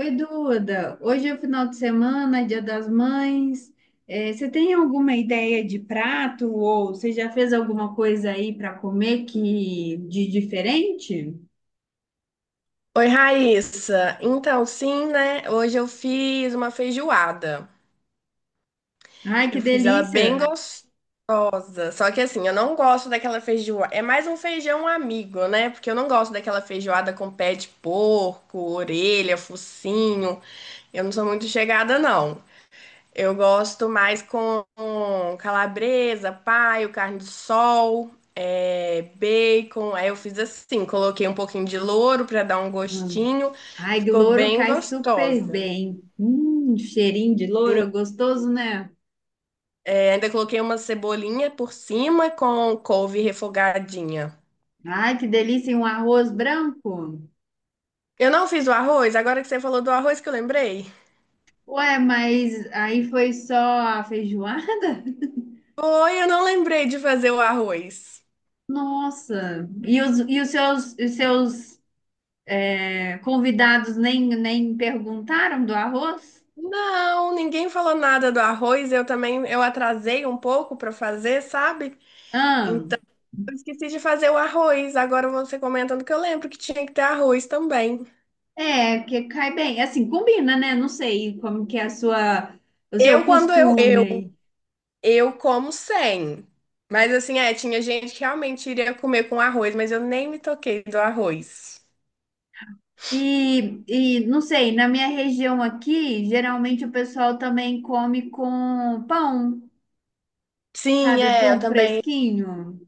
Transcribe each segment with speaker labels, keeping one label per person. Speaker 1: Oi, Duda. Hoje é o final de semana, é Dia das Mães. Você tem alguma ideia de prato ou você já fez alguma coisa aí para comer que de diferente?
Speaker 2: Oi, Raíssa. Então, sim, né? Hoje eu fiz uma feijoada.
Speaker 1: Ai, que
Speaker 2: Eu fiz ela
Speaker 1: delícia!
Speaker 2: bem gostosa. Só que assim, eu não gosto daquela feijoada. É mais um feijão amigo, né? Porque eu não gosto daquela feijoada com pé de porco, orelha, focinho. Eu não sou muito chegada, não. Eu gosto mais com calabresa, paio, carne de sol, bacon. Aí eu fiz assim, coloquei um pouquinho de louro para dar um gostinho.
Speaker 1: Ai, que
Speaker 2: Ficou
Speaker 1: louro
Speaker 2: bem
Speaker 1: cai super
Speaker 2: gostosa.
Speaker 1: bem. Cheirinho de louro,
Speaker 2: Sim,
Speaker 1: é gostoso, né?
Speaker 2: ainda coloquei uma cebolinha por cima com couve refogadinha.
Speaker 1: Ai, que delícia! E um arroz branco.
Speaker 2: Eu não fiz o arroz, agora que você falou do arroz que eu lembrei.
Speaker 1: Ué, mas aí foi só a feijoada?
Speaker 2: Foi, eu não lembrei de fazer o arroz.
Speaker 1: Nossa! E os convidados nem perguntaram do arroz?
Speaker 2: Não, ninguém falou nada do arroz. Eu também, eu atrasei um pouco para fazer, sabe?
Speaker 1: Ah,
Speaker 2: Eu esqueci de fazer o arroz, agora você comentando que eu lembro que tinha que ter arroz também.
Speaker 1: é, que cai bem. Assim, combina, né? Não sei como que é a o seu
Speaker 2: Eu, quando
Speaker 1: costume aí.
Speaker 2: eu como sem. Mas assim, é, tinha gente que realmente iria comer com arroz, mas eu nem me toquei do arroz.
Speaker 1: E, e não sei, na minha região aqui, geralmente o pessoal também come com pão,
Speaker 2: Sim,
Speaker 1: sabe? O
Speaker 2: é,
Speaker 1: pão
Speaker 2: eu também.
Speaker 1: fresquinho.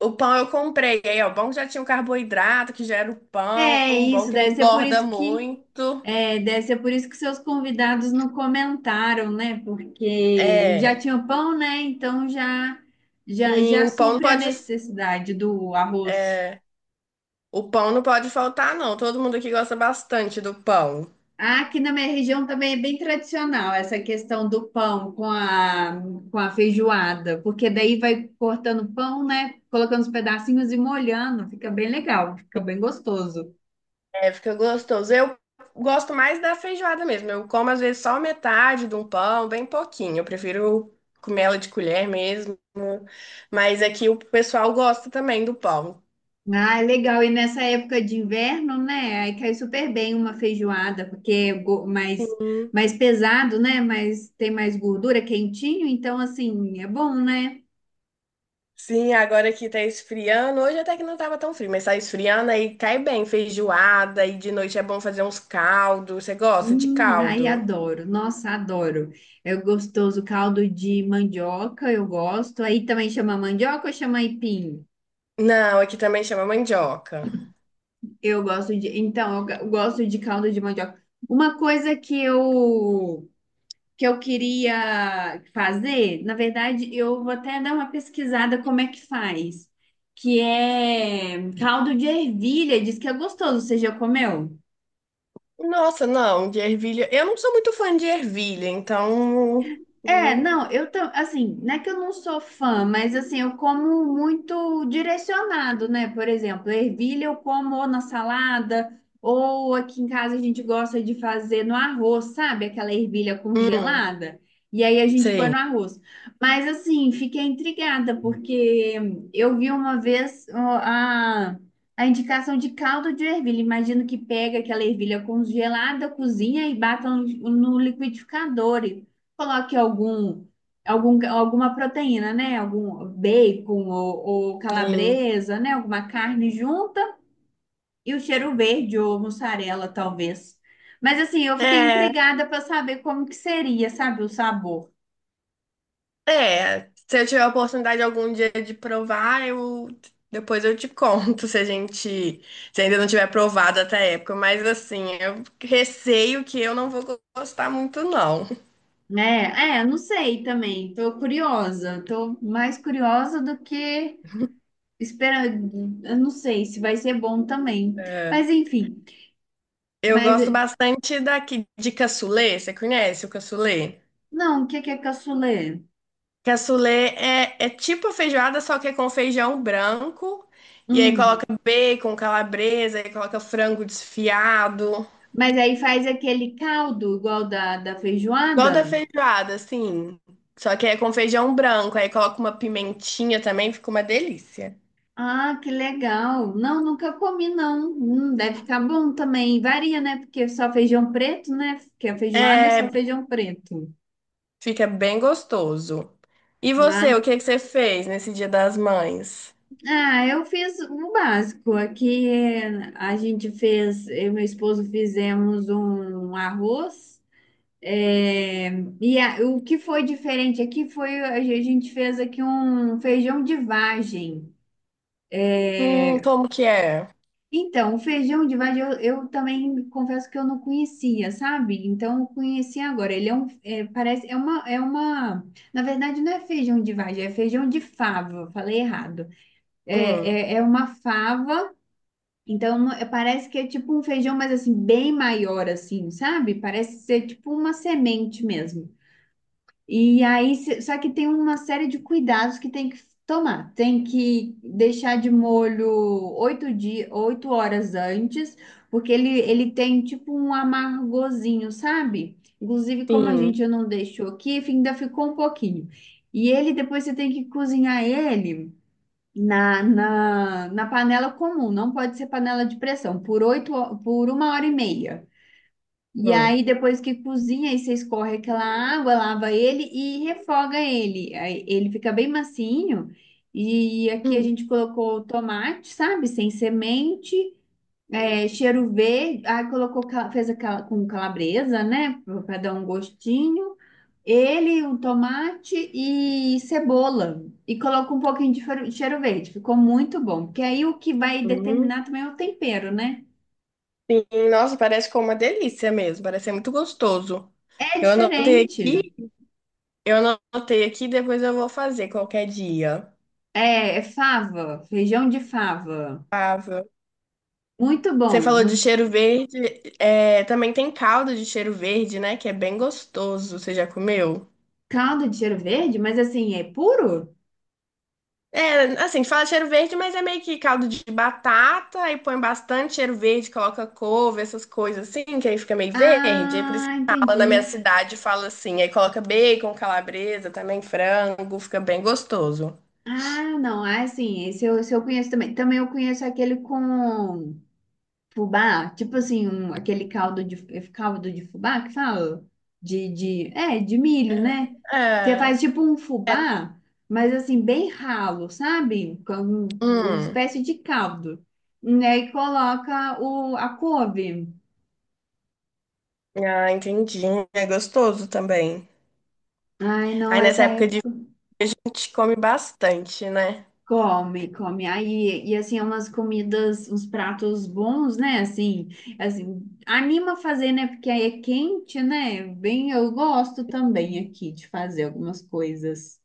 Speaker 2: O pão eu comprei. Aí, ó, bom que já tinha o carboidrato, que já era o pão,
Speaker 1: É
Speaker 2: bom
Speaker 1: isso,
Speaker 2: que não
Speaker 1: deve ser por
Speaker 2: engorda
Speaker 1: isso que.
Speaker 2: muito.
Speaker 1: É, deve ser por isso que seus convidados não comentaram, né? Porque
Speaker 2: É.
Speaker 1: já tinha pão, né? Então já, já,
Speaker 2: E
Speaker 1: já
Speaker 2: o pão não
Speaker 1: supre a
Speaker 2: pode.
Speaker 1: necessidade do arroz.
Speaker 2: é, o pão não pode faltar, não. Todo mundo aqui gosta bastante do pão.
Speaker 1: Ah, aqui na minha região também é bem tradicional essa questão do pão com a feijoada, porque daí vai cortando pão, né? Colocando os pedacinhos e molhando, fica bem legal, fica bem gostoso.
Speaker 2: É, fica gostoso. Eu gosto mais da feijoada mesmo. Eu como às vezes só metade de um pão, bem pouquinho. Eu prefiro comer ela de colher mesmo. Mas aqui o pessoal gosta também do pão.
Speaker 1: Ah, é legal. E nessa época de inverno, né? Aí cai super bem uma feijoada, porque é
Speaker 2: Hum.
Speaker 1: mais pesado, né? Mas tem mais gordura, quentinho, então assim, é bom, né?
Speaker 2: Sim, agora que tá esfriando. Hoje até que não tava tão frio, mas tá esfriando aí cai bem feijoada. E de noite é bom fazer uns caldos. Você gosta de
Speaker 1: Aí
Speaker 2: caldo?
Speaker 1: adoro. Nossa, adoro. É gostoso. Caldo de mandioca, eu gosto. Aí também chama mandioca ou chama aipim?
Speaker 2: Não, aqui também chama mandioca.
Speaker 1: Eu gosto de. Então, eu gosto de caldo de mandioca. Uma coisa que eu queria fazer, na verdade, eu vou até dar uma pesquisada como é que faz, que é caldo de ervilha, diz que é gostoso, você já comeu?
Speaker 2: Nossa, não, de ervilha. Eu não sou muito fã de ervilha, então. Hum,
Speaker 1: Assim, não é que eu não sou fã, mas assim, eu como muito direcionado, né? Por exemplo, ervilha eu como ou na salada, ou aqui em casa a gente gosta de fazer no arroz, sabe? Aquela ervilha
Speaker 2: hum.
Speaker 1: congelada. E aí a gente põe
Speaker 2: Sim,
Speaker 1: no arroz. Mas assim, fiquei intrigada, porque eu vi uma vez a indicação de caldo de ervilha. Imagino que pega aquela ervilha congelada, cozinha e bata no liquidificador, coloque alguma proteína, né? Algum bacon ou
Speaker 2: sim.
Speaker 1: calabresa, né? Alguma carne junta e o cheiro verde ou mussarela, talvez. Mas assim, eu fiquei
Speaker 2: É,
Speaker 1: intrigada para saber como que seria, sabe, o sabor.
Speaker 2: é. Se eu tiver a oportunidade algum dia de provar, eu depois eu te conto se a gente se ainda não tiver provado até a época. Mas assim, eu receio que eu não vou gostar muito, não.
Speaker 1: Não sei também. Tô curiosa, tô mais curiosa do que esperando. Eu não sei se vai ser bom também. Mas enfim,
Speaker 2: Eu
Speaker 1: mas
Speaker 2: gosto bastante daqui de cassoulet. Você conhece o cassoulet?
Speaker 1: não, o que que é cassoulet?
Speaker 2: Cassoulet é tipo a feijoada, só que é com feijão branco. E aí
Speaker 1: Hum.
Speaker 2: coloca bacon, calabresa, aí coloca frango desfiado.
Speaker 1: Mas aí faz aquele caldo igual da
Speaker 2: Igual da
Speaker 1: feijoada?
Speaker 2: feijoada, assim. Só que é com feijão branco, aí coloca uma pimentinha também, fica uma delícia.
Speaker 1: Ah, que legal. Não, nunca comi, não. Deve ficar bom também. Varia, né? Porque é só feijão preto, né? Porque a feijoada é só
Speaker 2: É,
Speaker 1: feijão preto.
Speaker 2: fica bem gostoso. E você, o
Speaker 1: Ah,
Speaker 2: que que você fez nesse Dia das Mães?
Speaker 1: ah, eu fiz o básico. Aqui a gente fez, eu e meu esposo fizemos um arroz. eh, o que foi diferente aqui foi a gente fez aqui um feijão de vagem.
Speaker 2: Como que é?
Speaker 1: Então, o feijão de vagem eu também confesso que eu não conhecia, sabe? Então, eu conheci agora. Ele é um, é, parece, é uma, Na verdade não é feijão de vagem, é feijão de fava, falei errado.
Speaker 2: Hum,
Speaker 1: É uma fava, parece que é tipo um feijão, mas assim, bem maior, assim, sabe? Parece ser tipo uma semente mesmo. E aí, se- Só que tem uma série de cuidados que tem que tomar. Tem que deixar de molho oito dias, oito horas antes, porque ele tem tipo um amargozinho, sabe? Inclusive, como a
Speaker 2: sim.
Speaker 1: gente não deixou aqui, ainda ficou um pouquinho. E ele, depois você tem que cozinhar ele na panela comum, não pode ser panela de pressão, por uma hora e meia. E
Speaker 2: Hum,
Speaker 1: aí, depois que cozinha, aí você escorre aquela água, lava ele e refoga ele. Aí ele fica bem macinho. E aqui a
Speaker 2: hum,
Speaker 1: gente colocou tomate, sabe? Sem semente, é, cheiro verde. Fez aquela com calabresa, né? Para dar um gostinho. Ele, o tomate e cebola. E coloca um pouquinho de cheiro verde. Ficou muito bom. Porque aí o que vai
Speaker 2: hum,
Speaker 1: determinar também é o tempero, né?
Speaker 2: sim. Nossa, parece que é uma delícia mesmo, parece ser muito gostoso.
Speaker 1: É
Speaker 2: Eu anotei aqui,
Speaker 1: diferente.
Speaker 2: eu anotei aqui, depois eu vou fazer qualquer dia.
Speaker 1: É, é fava, feijão de fava. Muito
Speaker 2: Você
Speaker 1: bom.
Speaker 2: falou de
Speaker 1: Mu-
Speaker 2: cheiro verde, também tem caldo de cheiro verde, né? Que é bem gostoso. Você já comeu?
Speaker 1: Caldo de cheiro verde, mas assim, é puro?
Speaker 2: É, assim, fala cheiro verde, mas é meio que caldo de batata, aí põe bastante cheiro verde, coloca couve, essas coisas assim, que aí fica meio verde. Aí por isso
Speaker 1: Ah,
Speaker 2: que fala na minha
Speaker 1: entendi.
Speaker 2: cidade, fala assim, aí coloca bacon, calabresa, também frango, fica bem gostoso.
Speaker 1: Ah, não, ah, assim, esse eu conheço também. Também eu conheço aquele com fubá, tipo assim, um, aquele caldo de fubá que fala? De milho, né?
Speaker 2: É,
Speaker 1: Você faz
Speaker 2: é,
Speaker 1: tipo um
Speaker 2: é,
Speaker 1: fubá, mas assim, bem ralo, sabe? Com uma
Speaker 2: hum.
Speaker 1: espécie de caldo. E aí coloca a couve.
Speaker 2: Ah, entendi. É gostoso também.
Speaker 1: Ai, não,
Speaker 2: Aí
Speaker 1: essa
Speaker 2: nessa
Speaker 1: é.
Speaker 2: época de frio a gente come bastante, né?
Speaker 1: Come, come. Aí, e assim, é umas comidas, uns pratos bons, né? Assim, anima a fazer, né? Porque aí é quente, né? Bem, eu gosto também aqui de fazer algumas coisas.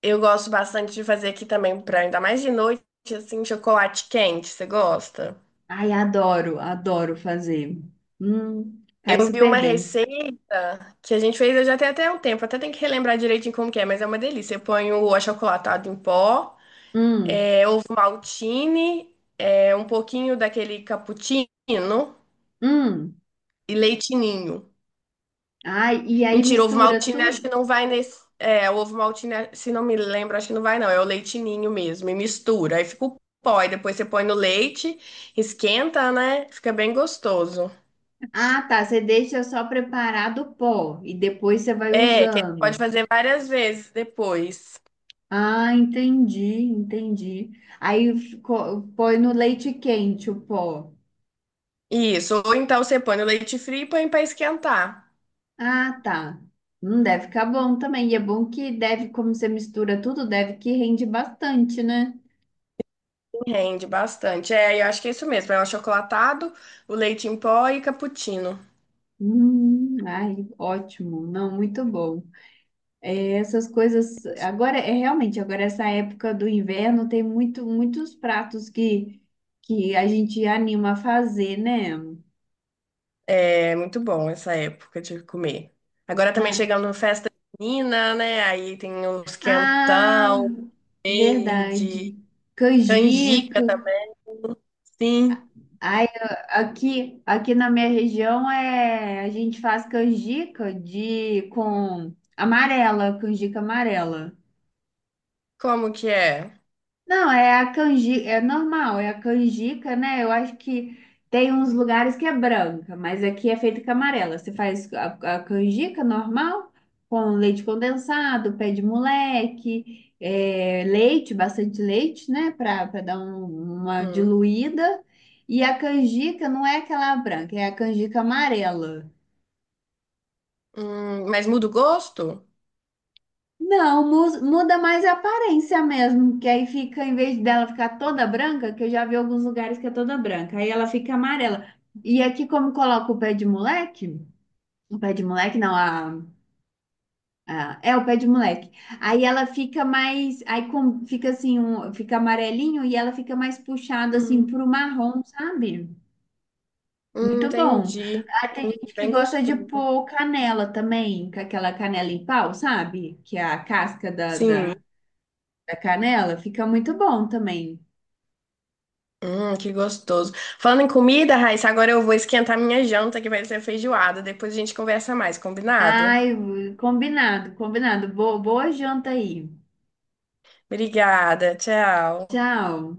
Speaker 2: Eu gosto bastante de fazer aqui também, pra, ainda mais de noite, assim, chocolate quente. Você gosta?
Speaker 1: Ai, adoro, adoro fazer. Cai
Speaker 2: Eu vi
Speaker 1: super
Speaker 2: uma
Speaker 1: bem.
Speaker 2: receita que a gente fez, eu já tenho até um tempo, até tem que relembrar direitinho como que é, mas é uma delícia. Eu ponho o achocolatado em pó,
Speaker 1: Hum,
Speaker 2: ovo maltine, um pouquinho daquele cappuccino
Speaker 1: hum.
Speaker 2: e leite ninho.
Speaker 1: Ai, e aí
Speaker 2: Mentira, ovo
Speaker 1: mistura
Speaker 2: maltine acho
Speaker 1: tudo?
Speaker 2: que não vai nesse. É, o ovo maltine, se não me lembro, acho que não vai não. É o leitinho mesmo. E mistura. Aí fica o pó. E depois você põe no leite, esquenta, né? Fica bem gostoso.
Speaker 1: Ah, tá. Você deixa só preparado o pó e depois você vai
Speaker 2: É, que você pode
Speaker 1: usando.
Speaker 2: fazer várias vezes depois.
Speaker 1: Ah, entendi. Aí ficou- põe no leite quente o pó.
Speaker 2: Isso. Ou então você põe no leite frio e põe pra esquentar.
Speaker 1: Ah, tá. Não deve ficar bom também. E é bom que deve, como você mistura tudo, deve que rende bastante, né?
Speaker 2: Rende bastante. É, eu acho que é isso mesmo. É o achocolatado, o leite em pó e cappuccino.
Speaker 1: Ai, ótimo. Não, muito bom. É, essas coisas. Agora, é realmente, agora essa época do inverno tem muito, muitos pratos que a gente anima a fazer, né?
Speaker 2: É muito bom essa época de comer. Agora também
Speaker 1: Ah,
Speaker 2: chegando festa junina, né? Aí tem os
Speaker 1: ah,
Speaker 2: quentão, verde,
Speaker 1: verdade.
Speaker 2: canjica
Speaker 1: Canjica.
Speaker 2: também. Sim.
Speaker 1: Ai, aqui na minha região é a gente faz canjica de com amarela, canjica amarela.
Speaker 2: Como que é?
Speaker 1: Não, é a canjica, é normal, é a canjica, né? Eu acho que tem uns lugares que é branca, mas aqui é feita com amarela. Você faz a canjica normal, com leite condensado, pé de moleque, é, leite, bastante leite, né? Para dar uma
Speaker 2: Hum.
Speaker 1: diluída. E a canjica não é aquela branca, é a canjica amarela.
Speaker 2: Mas muda o gosto?
Speaker 1: Não, muda mais a aparência mesmo, que aí fica, em vez dela ficar toda branca, que eu já vi alguns lugares que é toda branca, aí ela fica amarela. E aqui, como coloca o pé de moleque, o pé de moleque não, a- é o pé de moleque, aí ela fica mais, fica assim, fica amarelinho e ela fica mais puxada assim
Speaker 2: Hum,
Speaker 1: pro marrom, sabe? Muito bom.
Speaker 2: entendi.
Speaker 1: Aí tem
Speaker 2: Hum,
Speaker 1: gente que
Speaker 2: bem
Speaker 1: gosta de
Speaker 2: gostoso.
Speaker 1: pôr canela também, com aquela canela em pau, sabe? Que é a casca
Speaker 2: Sim.
Speaker 1: da canela, fica muito bom também.
Speaker 2: Que gostoso. Falando em comida, Raíssa, agora eu vou esquentar minha janta, que vai ser feijoada. Depois a gente conversa mais, combinado?
Speaker 1: Ai, combinado, combinado. Boa, boa janta aí.
Speaker 2: Obrigada, tchau.
Speaker 1: Tchau.